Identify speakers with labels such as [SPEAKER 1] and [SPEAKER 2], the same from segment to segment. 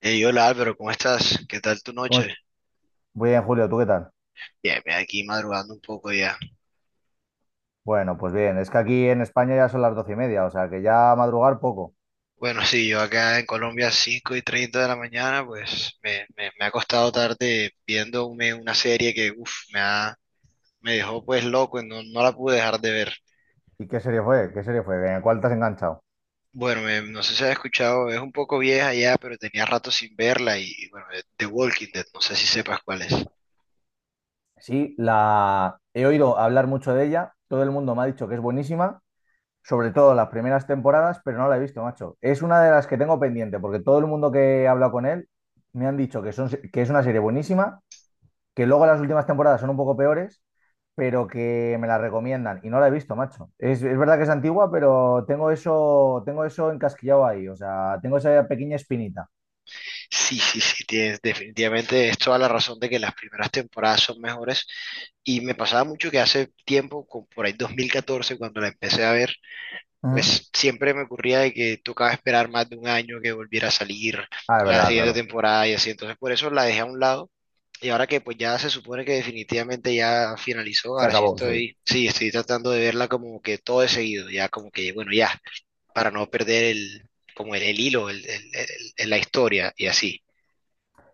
[SPEAKER 1] Hey, hola Álvaro, ¿cómo estás? ¿Qué tal tu
[SPEAKER 2] ¿Cómo es?
[SPEAKER 1] noche?
[SPEAKER 2] Muy bien, Julio, ¿tú qué tal?
[SPEAKER 1] Bien, bien, aquí madrugando un poco ya.
[SPEAKER 2] Bueno, pues bien, es que aquí en España ya son las doce y media, o sea que ya madrugar poco.
[SPEAKER 1] Bueno, sí, yo acá en Colombia 5:30 de la mañana, pues me ha costado tarde viéndome una serie que, uff, me dejó pues loco, no, no la pude dejar de ver.
[SPEAKER 2] ¿Y qué serie fue? ¿Qué serie fue? ¿En cuál te has enganchado?
[SPEAKER 1] Bueno, no sé si has escuchado, es un poco vieja ya, pero tenía rato sin verla y bueno, The Walking Dead, no sé si sepas cuál es.
[SPEAKER 2] Sí, la he oído hablar mucho de ella, todo el mundo me ha dicho que es buenísima, sobre todo las primeras temporadas, pero no la he visto, macho. Es una de las que tengo pendiente, porque todo el mundo que he hablado con él me han dicho que, son... que es una serie buenísima que luego las últimas temporadas son un poco peores, pero que me la recomiendan y no la he visto, macho. Es verdad que es antigua, pero tengo eso encasquillado ahí, o sea, tengo esa pequeña espinita.
[SPEAKER 1] Sí, sí, sí, tienes, definitivamente es toda la razón de que las primeras temporadas son mejores. Y me pasaba mucho que hace tiempo, como por ahí 2014, cuando la empecé a ver,
[SPEAKER 2] Ujú.
[SPEAKER 1] pues siempre me ocurría de que tocaba esperar más de un año que volviera a salir
[SPEAKER 2] Ah, es
[SPEAKER 1] la
[SPEAKER 2] verdad,
[SPEAKER 1] siguiente
[SPEAKER 2] claro.
[SPEAKER 1] temporada y así. Entonces por eso la dejé a un lado. Y ahora que pues ya se supone que definitivamente ya finalizó,
[SPEAKER 2] Se
[SPEAKER 1] ahora sí
[SPEAKER 2] acabó, sí.
[SPEAKER 1] estoy tratando de verla como que todo de seguido, ya como que, bueno, ya, para no perder como el hilo, la historia y así.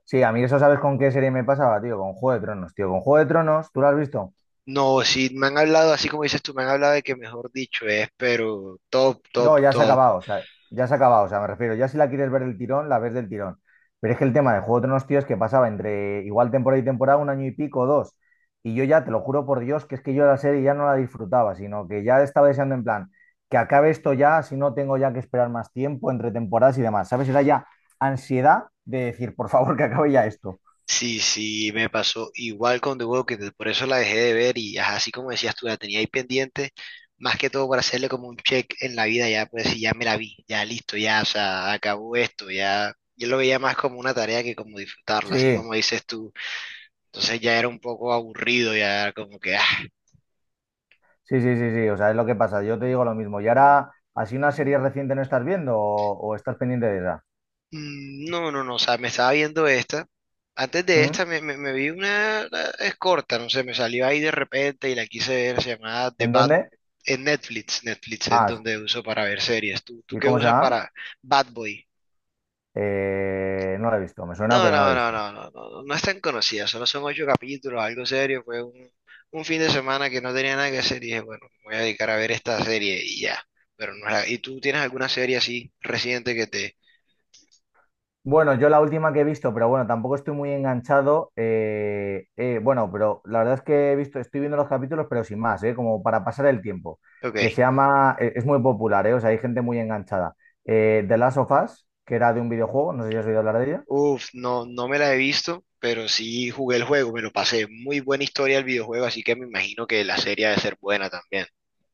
[SPEAKER 2] Sí, a mí eso sabes con qué serie me pasaba, tío, con Juego de Tronos, tío, con Juego de Tronos, ¿tú la has visto?
[SPEAKER 1] No, sí, me han hablado, así como dices tú, me han hablado de que mejor dicho es, pero top, top,
[SPEAKER 2] No, ya se ha
[SPEAKER 1] top.
[SPEAKER 2] acabado, o sea, ya se ha acabado, o sea, me refiero, ya si la quieres ver del tirón, la ves del tirón. Pero es que el tema de Juego de Tronos, tío, es que pasaba entre igual temporada y temporada, un año y pico, dos. Y yo ya, te lo juro por Dios, que es que yo la serie ya no la disfrutaba, sino que ya estaba deseando en plan, que acabe esto ya, si no tengo ya que esperar más tiempo entre temporadas y demás, ¿sabes? Era ya ansiedad de decir, por favor, que acabe ya esto.
[SPEAKER 1] Sí, sí, me pasó igual con The Walking Dead, por eso la dejé de ver y ajá, así como decías tú, la tenía ahí pendiente, más que todo para hacerle como un check en la vida, ya pues sí, ya me la vi, ya listo, ya, o sea, acabó esto, ya, yo lo veía más como una tarea que como disfrutarla, así
[SPEAKER 2] Sí,
[SPEAKER 1] como dices tú, entonces ya era un poco aburrido, ya como que.
[SPEAKER 2] sí, sí, sí, sí, o sea, es lo que pasa, yo te digo lo mismo. Y ahora, así una serie reciente no estás viendo o estás pendiente de esa.
[SPEAKER 1] No, no, no, o sea, me estaba viendo esta. Antes de
[SPEAKER 2] ¿Mm?
[SPEAKER 1] esta me vi una, es corta, no sé, me salió ahí de repente y la quise ver, se llamaba The
[SPEAKER 2] ¿En
[SPEAKER 1] Bad,
[SPEAKER 2] dónde?
[SPEAKER 1] en Netflix es
[SPEAKER 2] Ah, sí.
[SPEAKER 1] donde uso para ver series. ¿Tú
[SPEAKER 2] ¿Y
[SPEAKER 1] qué
[SPEAKER 2] cómo se
[SPEAKER 1] usas
[SPEAKER 2] llama?
[SPEAKER 1] para Bad Boy?
[SPEAKER 2] No la he visto, me suena,
[SPEAKER 1] No,
[SPEAKER 2] pero no la
[SPEAKER 1] no,
[SPEAKER 2] he
[SPEAKER 1] no,
[SPEAKER 2] visto.
[SPEAKER 1] no, no, no, no es tan conocida, solo son ocho capítulos, algo serio, fue un fin de semana que no tenía nada que hacer y dije, bueno, me voy a dedicar a ver esta serie y ya. Pero no, ¿y tú tienes alguna serie así reciente que te...?
[SPEAKER 2] Bueno, yo la última que he visto, pero bueno, tampoco estoy muy enganchado. Bueno, pero la verdad es que he visto, estoy viendo los capítulos, pero sin más, como para pasar el tiempo. Que se
[SPEAKER 1] Ok.
[SPEAKER 2] llama, es muy popular, o sea, hay gente muy enganchada. The Last of Us, que era de un videojuego, no sé si has oído hablar de ella.
[SPEAKER 1] Uf, no, no me la he visto, pero sí jugué el juego, me lo pasé. Muy buena historia el videojuego, así que me imagino que la serie ha de ser buena también.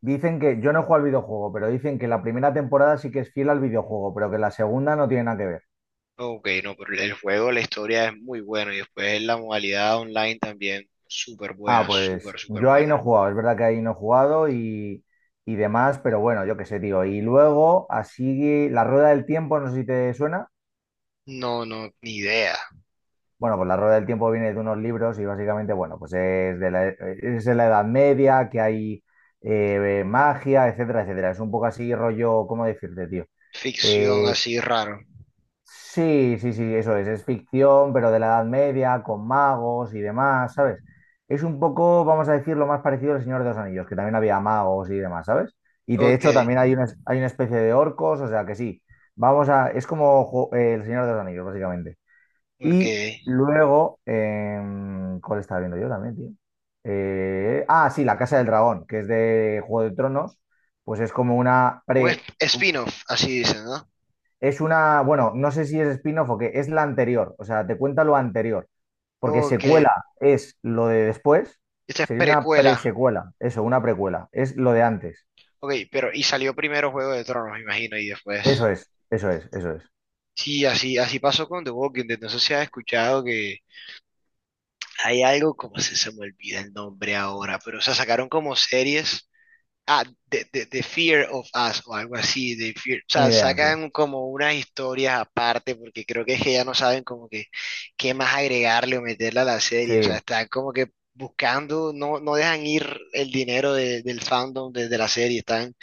[SPEAKER 2] Dicen que, yo no he jugado al videojuego, pero dicen que la primera temporada sí que es fiel al videojuego, pero que la segunda no tiene nada que ver.
[SPEAKER 1] Ok, no, pero el juego, la historia es muy buena y después la modalidad online también súper
[SPEAKER 2] Ah,
[SPEAKER 1] buena,
[SPEAKER 2] pues
[SPEAKER 1] súper, súper
[SPEAKER 2] yo ahí
[SPEAKER 1] buena.
[SPEAKER 2] no he jugado, es verdad que ahí no he jugado y demás, pero bueno, yo qué sé, tío. Y luego, así, la rueda del tiempo, no sé si te suena.
[SPEAKER 1] No, no, ni idea.
[SPEAKER 2] Bueno, pues la rueda del tiempo viene de unos libros y básicamente, bueno, pues es de la Edad Media, que hay magia, etcétera, etcétera. Es un poco así rollo, ¿cómo decirte, tío?
[SPEAKER 1] Ficción
[SPEAKER 2] Eh,
[SPEAKER 1] así raro.
[SPEAKER 2] Sí, sí, sí, eso es ficción, pero de la Edad Media, con magos y demás, ¿sabes? Es un poco, vamos a decir, lo más parecido al Señor de los Anillos, que también había magos y demás, ¿sabes? Y de
[SPEAKER 1] Ok,
[SPEAKER 2] hecho también hay una, hay una especie de orcos, o sea que sí, vamos a, es como el Señor de los Anillos, básicamente.
[SPEAKER 1] ok.
[SPEAKER 2] Y luego, ¿cuál estaba viendo yo también, tío? Ah, sí, La Casa del Dragón, que es de Juego de Tronos, pues es como una
[SPEAKER 1] Un
[SPEAKER 2] pre...
[SPEAKER 1] spin-off, así dicen, ¿no?
[SPEAKER 2] Es una, bueno, no sé si es spin-off o qué, es la anterior, o sea, te cuenta lo anterior, porque
[SPEAKER 1] Ok,
[SPEAKER 2] secuela es lo de después,
[SPEAKER 1] esta es
[SPEAKER 2] sería una
[SPEAKER 1] precuela.
[SPEAKER 2] presecuela, eso, una precuela, es lo de antes.
[SPEAKER 1] Ok, pero y salió primero Juego de Tronos, me imagino, y
[SPEAKER 2] Eso
[SPEAKER 1] después.
[SPEAKER 2] es, eso es, eso es.
[SPEAKER 1] Sí, así, así pasó con The Walking Dead. No sé si has escuchado que hay algo, como se me olvida el nombre ahora, pero o sea, sacaron como series. Ah, The Fear of Us o algo así. O
[SPEAKER 2] Ni
[SPEAKER 1] sea,
[SPEAKER 2] idea, tío.
[SPEAKER 1] sacan como unas historias aparte porque creo que es que ya no saben como que qué más agregarle o meterle a la serie. O sea,
[SPEAKER 2] Sí,
[SPEAKER 1] están como que buscando, no, no dejan ir el dinero del fandom de la serie. Están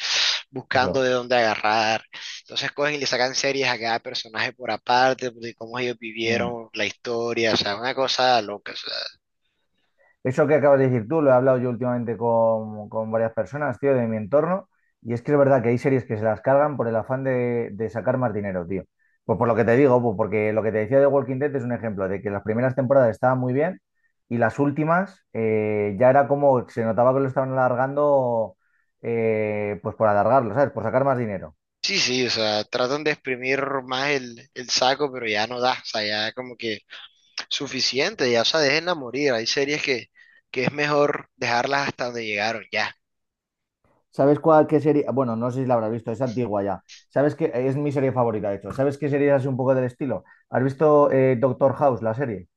[SPEAKER 1] buscando
[SPEAKER 2] eso.
[SPEAKER 1] de dónde agarrar. Entonces cogen y le sacan series a cada personaje por aparte, de cómo ellos
[SPEAKER 2] Mm.
[SPEAKER 1] vivieron la historia, o sea, una cosa loca. O sea,
[SPEAKER 2] Eso que acabas de decir tú, lo he hablado yo últimamente con varias personas, tío, de mi entorno, y es que es verdad que hay series que se las cargan por el afán de sacar más dinero, tío. Pues por lo que te digo, pues porque lo que te decía de Walking Dead es un ejemplo de que las primeras temporadas estaban muy bien y las últimas ya era como se notaba que lo estaban alargando, pues por alargarlo, ¿sabes? Por sacar más dinero.
[SPEAKER 1] sí, sí, o sea, tratan de exprimir más el saco, pero ya no da, o sea, ya como que suficiente, ya, o sea, déjenla morir. Hay series que es mejor dejarlas hasta donde llegaron, ya.
[SPEAKER 2] ¿Sabes cuál, qué serie? Bueno, no sé si la habrás visto, es antigua ya. ¿Sabes qué? Es mi serie favorita, de hecho. ¿Sabes qué serie es así un poco del estilo? ¿Has visto Doctor House, la serie?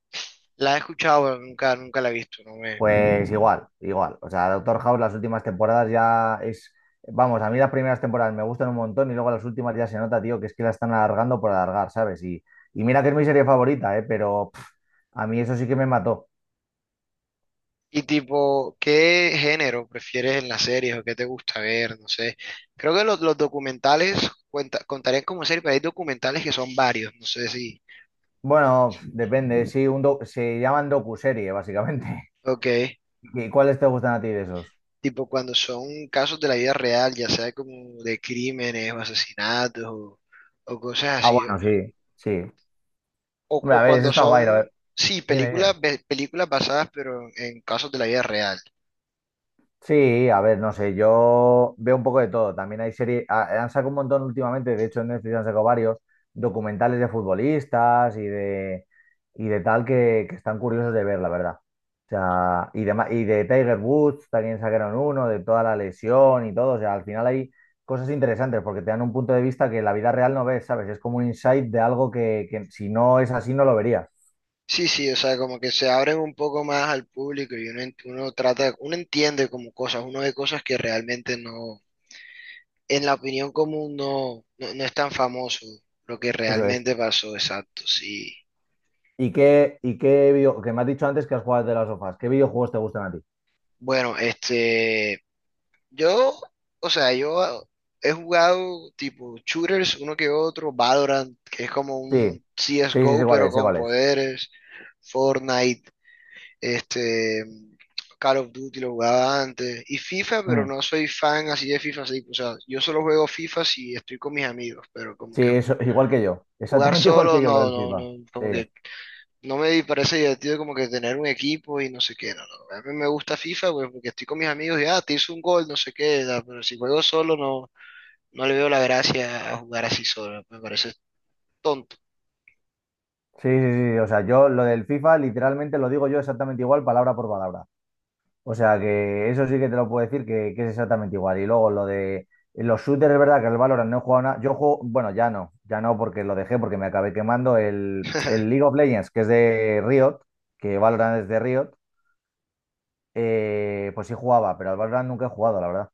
[SPEAKER 1] La he escuchado, pero nunca, nunca la he visto, no me,
[SPEAKER 2] Pues igual, igual. O sea, Doctor House las últimas temporadas ya es... Vamos, a mí las primeras temporadas me gustan un montón y luego las últimas ya se nota, tío, que es que la están alargando por alargar, ¿sabes? Y mira que es mi serie favorita, ¿eh? Pero pff, a mí eso sí que me mató.
[SPEAKER 1] Y tipo, ¿qué género prefieres en las series o qué te gusta ver? No sé. Creo que los documentales contarían como serie, pero hay documentales que son varios, no sé si.
[SPEAKER 2] Bueno, pff, depende, sí, se llaman docuserie, básicamente.
[SPEAKER 1] Ok.
[SPEAKER 2] ¿Y cuáles te gustan a ti de esos?
[SPEAKER 1] Tipo cuando son casos de la vida real, ya sea como de crímenes o asesinatos o cosas
[SPEAKER 2] Ah,
[SPEAKER 1] así.
[SPEAKER 2] bueno, sí, sí.
[SPEAKER 1] O,
[SPEAKER 2] Hombre,
[SPEAKER 1] o
[SPEAKER 2] a ver, eso
[SPEAKER 1] cuando
[SPEAKER 2] está
[SPEAKER 1] son,
[SPEAKER 2] guay, lo-
[SPEAKER 1] sí,
[SPEAKER 2] Dime, dime.
[SPEAKER 1] películas, películas basadas pero en casos de la vida real.
[SPEAKER 2] Sí, a ver, no sé, yo veo un poco de todo. También hay series, han sacado un montón últimamente, de hecho en Netflix han sacado varios documentales de futbolistas y de tal que están curiosos de ver, la verdad. O sea, y de, y de Tiger Woods también sacaron uno, de toda la lesión y todo. O sea, al final hay cosas interesantes porque te dan un punto de vista que en la vida real no ves, ¿sabes? Es como un insight de algo que si no es así no lo verías.
[SPEAKER 1] Sí, sí, o sea, como que se abren un poco más al público y uno, uno trata, uno entiende como cosas, uno ve cosas que realmente no, en la opinión común no, no, no es tan famoso lo que
[SPEAKER 2] Eso es.
[SPEAKER 1] realmente pasó, exacto, sí.
[SPEAKER 2] Y qué que me has dicho antes que has jugado de las sofás? ¿Qué videojuegos te gustan a ti?
[SPEAKER 1] Bueno, yo, o sea, yo he jugado tipo shooters, uno que otro, Valorant, que es como
[SPEAKER 2] Sí,
[SPEAKER 1] un
[SPEAKER 2] sí, sí, sé
[SPEAKER 1] CSGO
[SPEAKER 2] cuál
[SPEAKER 1] pero
[SPEAKER 2] es, sé
[SPEAKER 1] con
[SPEAKER 2] es.
[SPEAKER 1] poderes, Fortnite. Este, Call of Duty lo jugaba antes. Y FIFA, pero
[SPEAKER 2] Mm.
[SPEAKER 1] no soy fan así de FIFA, así, o sea, yo solo juego FIFA si estoy con mis amigos, pero como
[SPEAKER 2] Sí,
[SPEAKER 1] que
[SPEAKER 2] eso, igual que yo,
[SPEAKER 1] jugar
[SPEAKER 2] exactamente igual
[SPEAKER 1] solo,
[SPEAKER 2] que yo lo
[SPEAKER 1] no,
[SPEAKER 2] del
[SPEAKER 1] no,
[SPEAKER 2] FIFA.
[SPEAKER 1] no,
[SPEAKER 2] Sí,
[SPEAKER 1] como
[SPEAKER 2] sí,
[SPEAKER 1] que no me parece divertido como que tener un equipo y no sé qué, no, no. A mí me gusta FIFA, pues porque estoy con mis amigos y, ah, te hice un gol, no sé qué, da, pero si juego solo, no, no le veo la gracia a jugar así solo, me parece tonto.
[SPEAKER 2] sí, sí, sí, o sea, yo lo del FIFA literalmente lo digo yo exactamente igual, palabra por palabra. O sea, que eso sí que te lo puedo decir que es exactamente igual. Y luego lo de los shooters, es verdad que el Valorant no he jugado nada. Yo juego, bueno, ya no, ya no porque lo dejé, porque me acabé quemando el League of Legends, que es de Riot, que Valorant es de Riot, pues sí jugaba, pero al Valorant nunca he jugado, la verdad.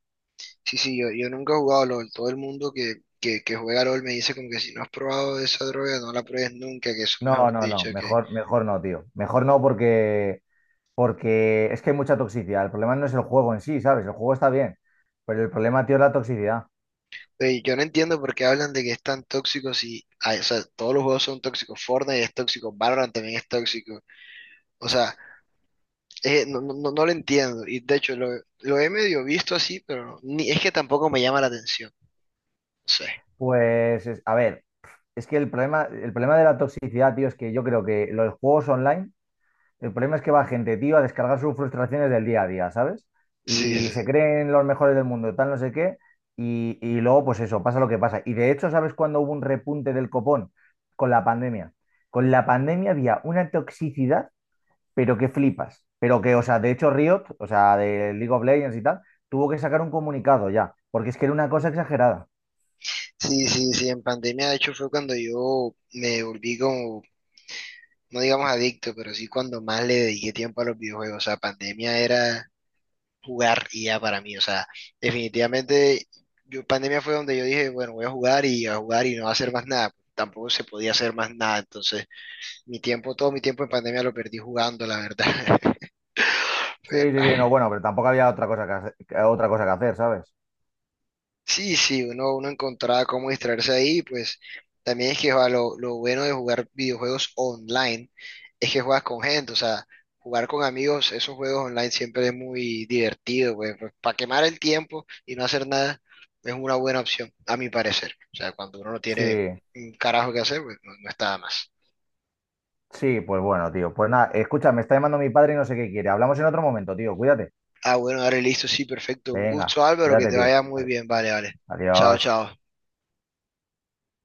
[SPEAKER 1] Sí, sí, yo nunca he jugado LOL. Todo el mundo que juega LOL me dice como que si no has probado esa droga, no la pruebes nunca, que eso
[SPEAKER 2] No,
[SPEAKER 1] mejor
[SPEAKER 2] no, no,
[SPEAKER 1] dicho que...
[SPEAKER 2] mejor, mejor no, tío. Mejor no porque, porque es que hay mucha toxicidad. El problema no es el juego en sí, ¿sabes? El juego está bien, pero el problema, tío, es la toxicidad.
[SPEAKER 1] Oye, yo no entiendo por qué hablan de que es tan tóxico si... Ay, o sea, todos los juegos son tóxicos. Fortnite es tóxico, Valorant también es tóxico. O sea, no, no, no lo entiendo. Y de hecho, lo he medio visto así, pero no, ni, es que tampoco me llama la atención. No sé.
[SPEAKER 2] Pues, a ver, es que el problema de la toxicidad, tío, es que yo creo que los juegos online. El problema es que va gente, tío, a descargar sus frustraciones del día a día, ¿sabes?
[SPEAKER 1] Sí,
[SPEAKER 2] Y se
[SPEAKER 1] sí,
[SPEAKER 2] creen los mejores del mundo, tal, no sé qué. Y luego, pues eso, pasa lo que pasa. Y de hecho, ¿sabes cuándo hubo un repunte del copón? Con la pandemia. Con la pandemia había una toxicidad, pero que flipas. Pero que, o sea, de hecho, Riot, o sea, de League of Legends y tal, tuvo que sacar un comunicado ya, porque es que era una cosa exagerada.
[SPEAKER 1] sí, sí, sí, en pandemia de hecho fue cuando yo me volví como no digamos adicto, pero sí cuando más le dediqué tiempo a los videojuegos. O sea, pandemia era jugar y ya para mí. O sea, definitivamente, yo, pandemia fue donde yo dije, bueno, voy a jugar y no a hacer más nada. Tampoco se podía hacer más nada. Entonces, mi tiempo, todo mi tiempo en pandemia lo perdí jugando, la verdad.
[SPEAKER 2] Sí, sí, sí, no,
[SPEAKER 1] Pero,
[SPEAKER 2] bueno, pero tampoco había otra cosa que, otra cosa que hacer, ¿sabes?
[SPEAKER 1] Sí, sí, uno encontraba cómo distraerse ahí, pues también es que va, lo bueno de jugar videojuegos online es que juegas con gente, o sea, jugar con amigos, esos juegos online siempre es muy divertido, pues, para quemar el tiempo y no hacer nada es una buena opción, a mi parecer. O sea, cuando uno no tiene
[SPEAKER 2] Sí.
[SPEAKER 1] un carajo que hacer, pues no, no está de más.
[SPEAKER 2] Sí, pues bueno, tío. Pues nada, escucha, me está llamando mi padre y no sé qué quiere. Hablamos en otro momento, tío. Cuídate.
[SPEAKER 1] Ah, bueno, dale, listo, sí, perfecto. Un
[SPEAKER 2] Venga,
[SPEAKER 1] gusto, Álvaro, que
[SPEAKER 2] cuídate,
[SPEAKER 1] te
[SPEAKER 2] tío.
[SPEAKER 1] vaya muy
[SPEAKER 2] Ade-
[SPEAKER 1] bien, vale, vale. Chao,
[SPEAKER 2] Adiós.
[SPEAKER 1] chao.